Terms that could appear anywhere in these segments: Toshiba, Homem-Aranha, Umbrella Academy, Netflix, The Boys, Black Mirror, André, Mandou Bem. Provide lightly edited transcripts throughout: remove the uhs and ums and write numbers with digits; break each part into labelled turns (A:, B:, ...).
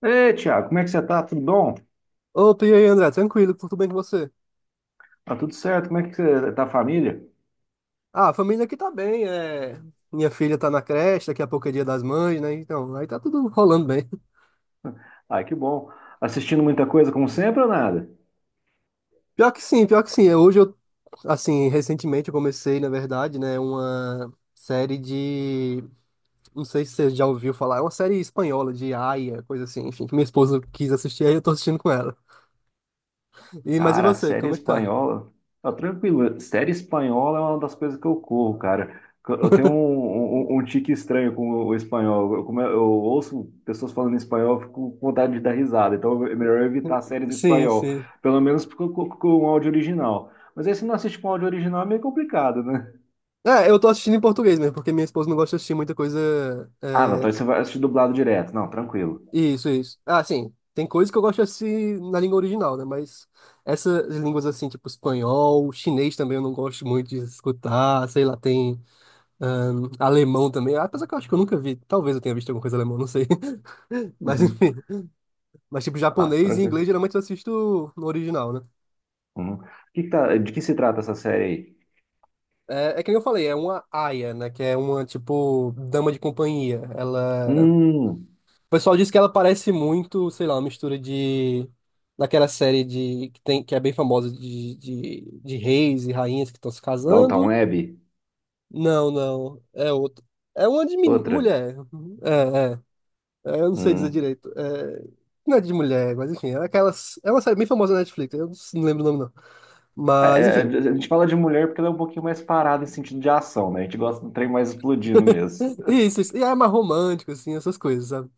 A: Ei, Thiago, como é que você tá? Tudo bom?
B: Opa, e aí, André? Tranquilo, tudo bem com você?
A: Tá tudo certo? Como é que você tá, a família?
B: Ah, a família aqui tá bem, minha filha tá na creche, daqui a pouco é dia das mães, né? Então, aí tá tudo rolando bem.
A: Ai, que bom. Assistindo muita coisa, como sempre, ou nada?
B: Pior que sim, pior que sim. É, Hoje eu, assim, recentemente eu comecei, Na verdade, né, uma não sei se você já ouviu falar, é uma série espanhola de Aia, coisa assim, enfim, que minha esposa quis assistir, aí eu tô assistindo com ela. E, mas e
A: Cara, a
B: você,
A: série
B: como é que tá?
A: espanhola. Tá tranquilo. Série espanhola é uma das coisas que eu corro, cara. Eu tenho um tique estranho com o espanhol. Como eu ouço pessoas falando espanhol, eu fico com vontade de dar risada. Então é melhor evitar séries em
B: Sim,
A: espanhol.
B: sim.
A: Pelo menos com o áudio original. Mas aí se não assiste com áudio original é meio complicado, né?
B: É, eu tô assistindo em português mesmo, porque minha esposa não gosta de assistir muita coisa
A: Ah, não, então aí
B: é,
A: você vai assistir dublado direto. Não, tranquilo.
B: isso, isso. Ah, sim. Tem coisas que eu gosto assim na língua original, né? Mas essas línguas assim, tipo espanhol, chinês também eu não gosto muito de escutar, sei lá, tem alemão também. Ah, apesar que eu acho que eu nunca vi. Talvez eu tenha visto alguma coisa alemã, não sei. Mas
A: Uhum.
B: enfim. Mas tipo
A: Ah,
B: japonês e
A: tranquilo.
B: inglês geralmente eu assisto no original, né?
A: Uhum. O de que se trata essa série aí?
B: É, é que nem eu falei, é uma aia, né? Que é uma, tipo, dama de companhia. Ela.
A: Hum,
B: O pessoal diz que ela parece muito, sei lá, uma mistura de. Daquela série de que tem que é bem famosa de reis e rainhas que estão se
A: Dalton
B: casando.
A: Web?
B: Não, não. É outro. É uma de
A: Outra?
B: mulher. É, é. É, eu não sei dizer
A: Hum.
B: direito. É, não é de mulher, mas enfim. É, aquelas, é uma série bem famosa na Netflix. Eu não lembro o nome, não.
A: É,
B: Mas,
A: é, é,
B: enfim.
A: a gente fala de mulher porque ela é um pouquinho mais parada em sentido de ação, né? A gente gosta do trem mais explodindo mesmo.
B: Isso, isso. E é mais romântico, assim, essas coisas, sabe?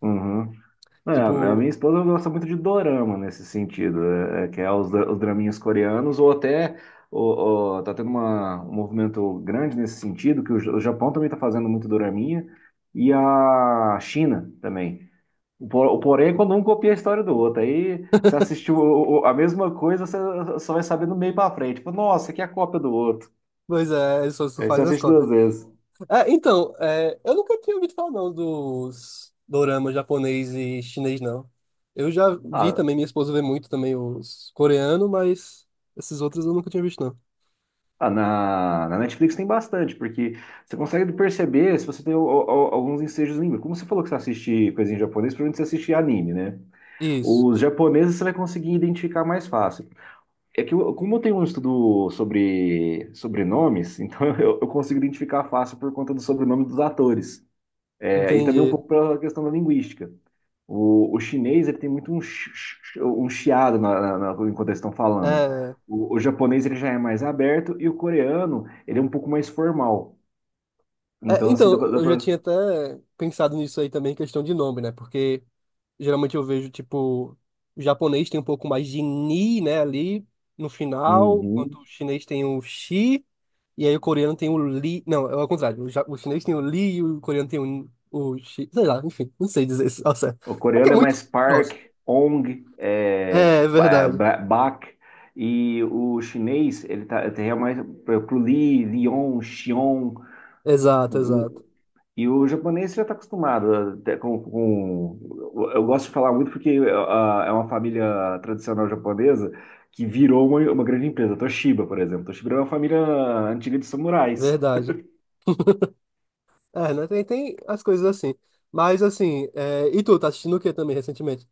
A: Uhum. É, a minha
B: Tipo,
A: esposa gosta muito de dorama nesse sentido, é, é, que é os, os draminhas coreanos, ou até tá tendo um movimento grande nesse sentido, que o, o Japão também está fazendo muito doraminha, e a China também. O, o porém é quando um copia a história do outro, aí você assistiu a mesma coisa, você só vai saber do meio pra frente. Tipo, nossa, aqui é a cópia do outro.
B: pois é, eles só
A: Aí você
B: fazem as
A: assiste duas
B: cópias.
A: vezes.
B: É, então, é, eu nunca tinha ouvido falar não dos doramas japonês e chinês, não. Eu já vi
A: Ah,
B: também, minha esposa vê muito também os coreanos, mas esses outros eu nunca tinha visto, não.
A: Na, na Netflix tem bastante, porque você consegue perceber se você tem alguns ensejos língua. Como você falou que você assiste coisinha em japonês, provavelmente você assiste anime, né?
B: Isso,
A: Os japoneses você vai conseguir identificar mais fácil. É que como eu tenho um estudo sobre sobrenomes, então eu consigo identificar fácil por conta do sobrenome dos atores. É, e também um
B: entendi.
A: pouco pela questão da linguística. O chinês ele tem muito um, um chiado na, enquanto eles estão falando.
B: É,
A: O japonês ele já é mais aberto e o coreano ele é um pouco mais formal.
B: é,
A: Então, assim,
B: então,
A: dá pra, dá
B: eu já
A: pra-
B: tinha até pensado nisso aí também, questão de nome, né? Porque geralmente eu vejo, tipo, o japonês tem um pouco mais de ni, né, ali no final, enquanto
A: Uhum.
B: o chinês tem o xi, e aí o coreano tem o li. Não, é ao contrário, o chinês tem o li e o coreano tem o xi. Sei lá, enfim, não sei dizer isso ao certo.
A: O
B: É que é
A: coreano é
B: muito.
A: mais park,
B: Nossa.
A: ong, é,
B: É, é verdade.
A: bak. E o chinês, ele é mais pro lee lion, xion.
B: Exato,
A: O-
B: exato.
A: E o japonês já está acostumado até com. Eu gosto de falar muito porque é uma família tradicional japonesa que virou uma grande empresa. Toshiba, por exemplo. Toshiba é uma família antiga de samurais.
B: Verdade. É, né? Tem as coisas assim. Mas assim, é, e tu, tá assistindo o que também recentemente?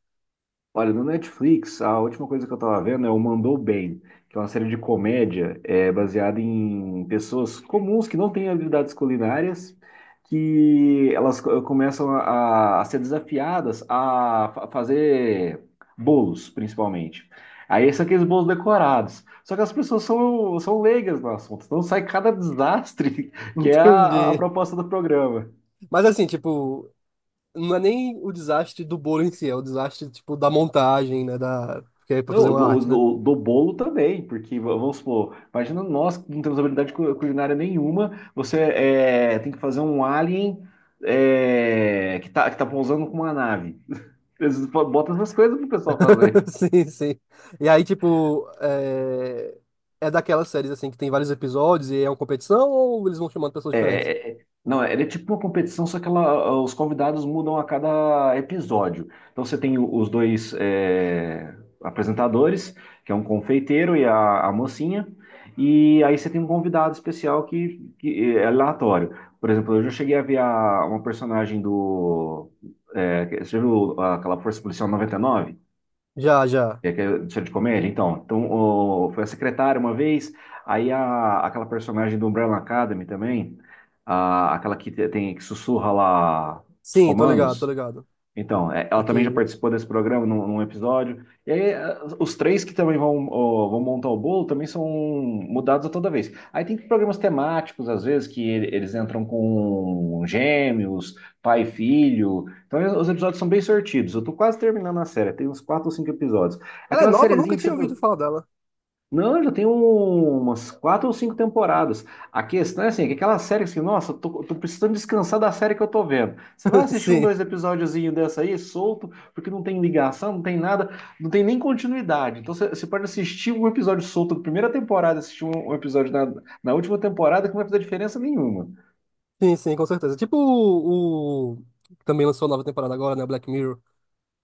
A: Olha, no Netflix, a última coisa que eu tava vendo é o Mandou Bem, que é uma série de comédia é, baseada em pessoas comuns que não têm habilidades culinárias, que elas começam a ser desafiadas a fazer bolos, principalmente. Aí são aqueles bolos decorados. Só que as pessoas são leigas no assunto, então sai cada desastre que é a
B: Entendi.
A: proposta do programa.
B: Mas assim, tipo, não é nem o desastre do bolo em si, é o desastre, tipo, da montagem, né? Porque é pra fazer
A: Não,
B: uma
A: do,
B: arte, né?
A: do, do bolo também, porque vamos supor, imagina nós que não temos habilidade culinária nenhuma, você é, tem que fazer um alien é, que tá pousando com uma nave. Eles botam essas coisas pro pessoal fazer.
B: Sim, sim. E aí, tipo, é... é daquelas séries, assim, que tem vários episódios e é uma competição ou eles vão chamando pessoas diferentes?
A: É, é- não, era tipo uma competição, só que ela, os convidados mudam a cada episódio. Então você tem os dois é, apresentadores, que é um confeiteiro e a mocinha, e aí você tem um convidado especial que é aleatório. Por exemplo, eu já cheguei a ver uma personagem do. É, você já viu aquela Força Policial 99.
B: Já, já.
A: E aquela edição de comédia, então. Então, foi a secretária uma vez, aí a, aquela personagem do Umbrella Academy também, a, aquela tem que sussurra lá os
B: Sim, tô ligado, tô
A: comandos.
B: ligado.
A: Então, é, ela também já
B: Aqui.
A: participou desse programa num episódio. E aí, eh, os três que também vão, ó, vão montar o bolo também são mudados a toda vez. Aí tem programas temáticos, às vezes, que eles entram com gêmeos, pai e filho. Então, eh, os episódios são bem sortidos. Eu tô quase terminando a série, tem uns quatro ou cinco episódios.
B: Ela é
A: Aquela
B: nova? Eu nunca
A: sériezinha que
B: tinha ouvido
A: você.
B: falar dela.
A: Não, já tem umas quatro ou cinco temporadas. A questão é assim, é que aquela série assim, nossa, tô precisando descansar da série que eu tô vendo. Você vai assistir um,
B: Sim,
A: dois episódiozinho dessa aí, solto, porque não tem ligação, não tem nada, não tem nem continuidade. Então você pode assistir um episódio solto da primeira temporada, assistir um episódio na última temporada, que não vai fazer diferença nenhuma.
B: sim, sim, com certeza. Que também lançou a nova temporada agora, né? Black Mirror.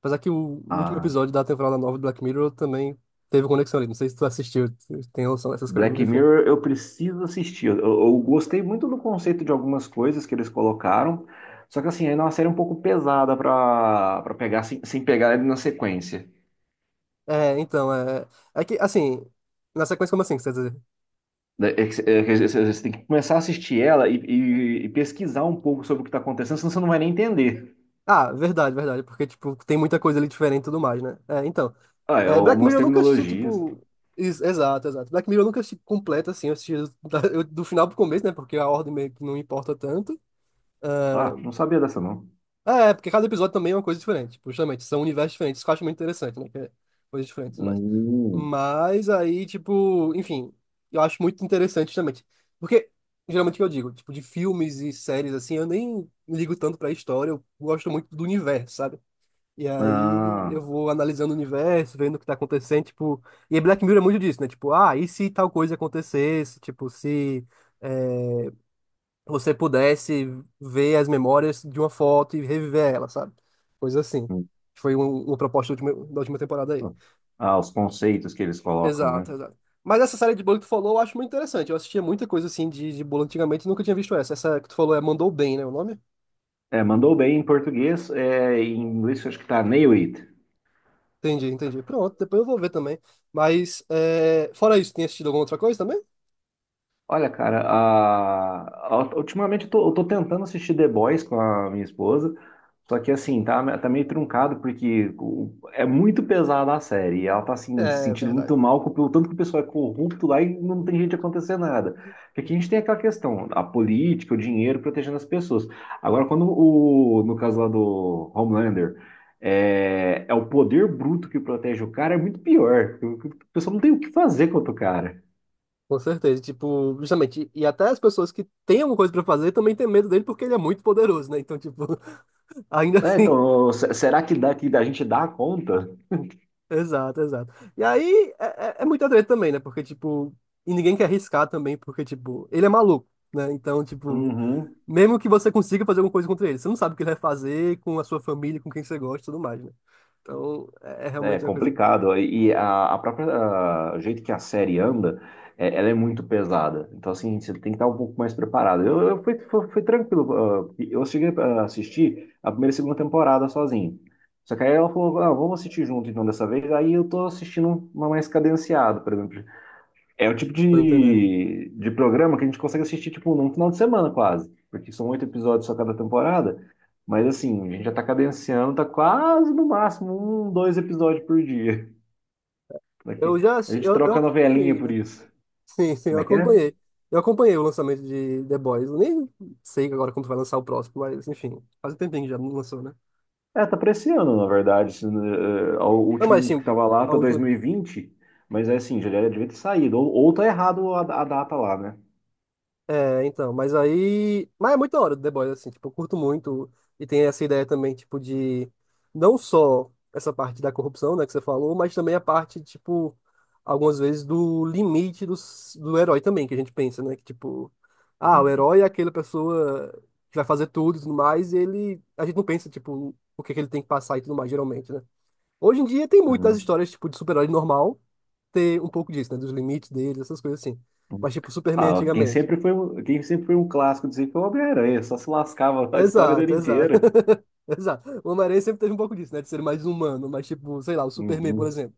B: Apesar que o último
A: Ah,
B: episódio da temporada nova do Black Mirror também teve conexão ali. Não sei se tu assistiu, tu tem noção dessas coisas, mas
A: Black
B: enfim.
A: Mirror eu preciso assistir. Eu gostei muito do conceito de algumas coisas que eles colocaram, só que assim, ainda é uma série um pouco pesada pra para pegar sem pegar ele na sequência.
B: É, então, é. É que, assim, na sequência, como assim, que você quer dizer?
A: É que você tem que começar a assistir ela e pesquisar um pouco sobre o que está acontecendo, senão você não vai nem entender.
B: Ah, verdade, verdade, porque, tipo, tem muita coisa ali diferente e tudo mais, né? É, então.
A: Ah, é
B: É, Black
A: algumas
B: Mirror eu nunca assisti,
A: terminologias.
B: tipo. Exato, exato. Black Mirror eu nunca assisti completo, assim, eu assisti do final pro começo, né? Porque a ordem meio que não importa tanto. É,
A: Ah, não sabia dessa, não.
B: ah, é, porque cada episódio também é uma coisa diferente. Tipo, justamente, são universos diferentes, isso que eu acho muito interessante, né? Que é coisas diferentes e tudo mais.
A: Hum,
B: Mas aí, tipo, enfim, eu acho muito interessante justamente. Porque, geralmente, o que eu digo, tipo, de filmes e séries, assim, eu nem ligo tanto pra história, eu gosto muito do universo, sabe? E aí
A: ah,
B: eu vou analisando o universo, vendo o que tá acontecendo, tipo. E Black Mirror é muito disso, né? Tipo, ah, e se tal coisa acontecesse? Tipo, se. Eh, Você pudesse ver as memórias de uma foto e reviver ela, sabe? Coisa assim.
A: hum.
B: Foi uma proposta da última temporada aí.
A: Ah, ah, os conceitos que eles colocam, né?
B: Exato, exato. Mas essa série de bolo que tu falou, eu acho muito interessante. Eu assistia muita coisa assim de bolo antigamente e nunca tinha visto essa. Essa que tu falou é Mandou Bem, né? O nome?
A: É, mandou bem em português, é, em inglês eu acho que tá nail it.
B: Entendi, entendi. Pronto, depois eu vou ver também. Mas, é, fora isso, tem assistido alguma outra coisa também?
A: Olha, cara, ultimamente eu tô tentando assistir The Boys com a minha esposa, só que assim, tá meio truncado porque é muito pesada a série, e ela tá assim, se
B: É
A: sentindo muito
B: verdade.
A: mal com o tanto que o pessoal é corrupto lá e não tem jeito de acontecer nada. Porque aqui a gente tem aquela questão, a política, o dinheiro protegendo as pessoas. Agora, quando no caso lá do Homelander, é, é o poder bruto que protege o cara, é muito pior. O pessoal não tem o que fazer contra o cara.
B: Com certeza, tipo, justamente, e até as pessoas que têm alguma coisa pra fazer também têm medo dele porque ele é muito poderoso, né? Então, tipo, ainda
A: É,
B: assim,
A: então, será que daqui da gente dá conta?
B: exato, exato. E aí é, é muita treta também, né? Porque, tipo, e ninguém quer arriscar também, porque, tipo, ele é maluco, né? Então, tipo,
A: Uhum.
B: mesmo que você consiga fazer alguma coisa contra ele, você não sabe o que ele vai fazer com a sua família, com quem você gosta e tudo mais, né? Então, é, é
A: É
B: realmente uma coisa.
A: complicado. E o jeito que a série anda, é, ela é muito pesada. Então, assim, você tem que estar um pouco mais preparado. Eu fui tranquilo. Eu cheguei a assistir a primeira e segunda temporada sozinho. Só que aí ela falou, ah, vamos assistir junto então dessa vez. Aí eu tô assistindo uma mais cadenciada, por exemplo. É o tipo
B: Tô entendendo.
A: de programa que a gente consegue assistir, tipo, num final de semana quase. Porque são oito episódios só cada temporada. Mas assim, a gente já tá cadenciando, tá quase no máximo um, dois episódios por dia. Daqui-
B: Eu já,
A: A
B: assi-
A: gente
B: eu, eu
A: troca novelinha
B: acompanhei,
A: por
B: né?
A: isso.
B: Sim, sim,
A: Como
B: eu
A: é que é?
B: acompanhei. Eu acompanhei o lançamento de The Boys. Eu nem sei agora quando vai lançar o próximo, mas, enfim, faz um tempinho que já não lançou, né?
A: É, tá pra esse ano, na verdade. Assim, eh, o
B: Não, mas, sim,
A: último que tava lá
B: a
A: tá dois
B: última.
A: mil e vinte. Mas é assim, já devia ter saído. Ou tá errado a data lá, né?
B: É, então, mas aí. Mas é muito da hora do The Boys, assim, tipo, eu curto muito. E tem essa ideia também, tipo, de não só essa parte da corrupção, né, que você falou, mas também a parte, tipo, algumas vezes do limite do herói também, que a gente pensa, né? Que, tipo, ah, o
A: Uhum.
B: herói é aquela pessoa que vai fazer tudo e tudo mais, e ele. A gente não pensa, tipo, o que que ele tem que passar e tudo mais, geralmente, né? Hoje em dia tem muitas histórias, tipo, de super-herói normal ter um pouco disso, né? Dos limites dele, essas coisas assim.
A: Uhum.
B: Mas, tipo, Superman
A: Ah, quem
B: antigamente.
A: sempre foi, quem sempre foi um clássico dizer que foi o Homem-Aranha, só se lascava a história dele
B: Exato, exato.
A: inteira.
B: Exato. O Homem-Aranha sempre teve um pouco disso, né? De ser mais humano, mas tipo, sei lá, o Superman, por
A: Uhum.
B: exemplo,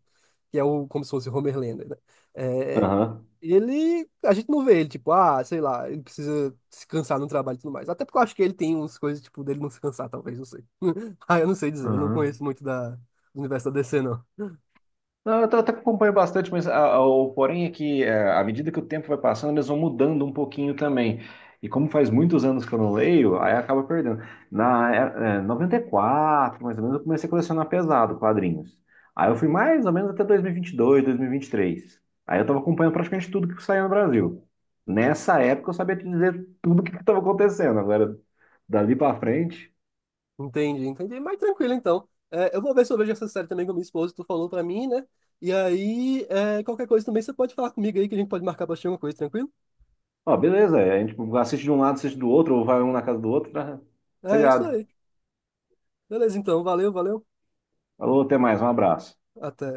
B: que é o, como se fosse o Homer Lander, né? É,
A: Aham.
B: ele, a gente não vê ele, tipo, ah, sei lá, ele precisa se cansar no trabalho e tudo mais. Até porque eu acho que ele tem umas coisas, tipo, dele não se cansar, talvez, não sei. Ah, eu não sei dizer, eu não
A: Aham.
B: conheço muito do universo da DC, não.
A: Não, eu até acompanho bastante, mas o porém é que é, à medida que o tempo vai passando, eles vão mudando um pouquinho também. E como faz muitos anos que eu não leio, aí acaba perdendo. Na é, é, 94, mais ou menos, eu comecei a colecionar pesado quadrinhos. Aí eu fui mais ou menos até 2022, 2023. Aí eu estava acompanhando praticamente tudo que saía no Brasil. Nessa época eu sabia te dizer tudo o que estava acontecendo. Agora, dali para frente,
B: Entendi, entendi. Mas tranquilo, então. É, eu vou ver se eu vejo essa série também com a minha esposa, tu falou pra mim, né? E aí, é, qualquer coisa também você pode falar comigo aí, que a gente pode marcar pra assistir alguma coisa, tranquilo?
A: ó, beleza, é, a gente assiste de um lado, assiste do outro, ou vai um na casa do outro, tá?
B: É isso aí. Beleza, então. Valeu, valeu.
A: Falou, até mais, um abraço.
B: Até.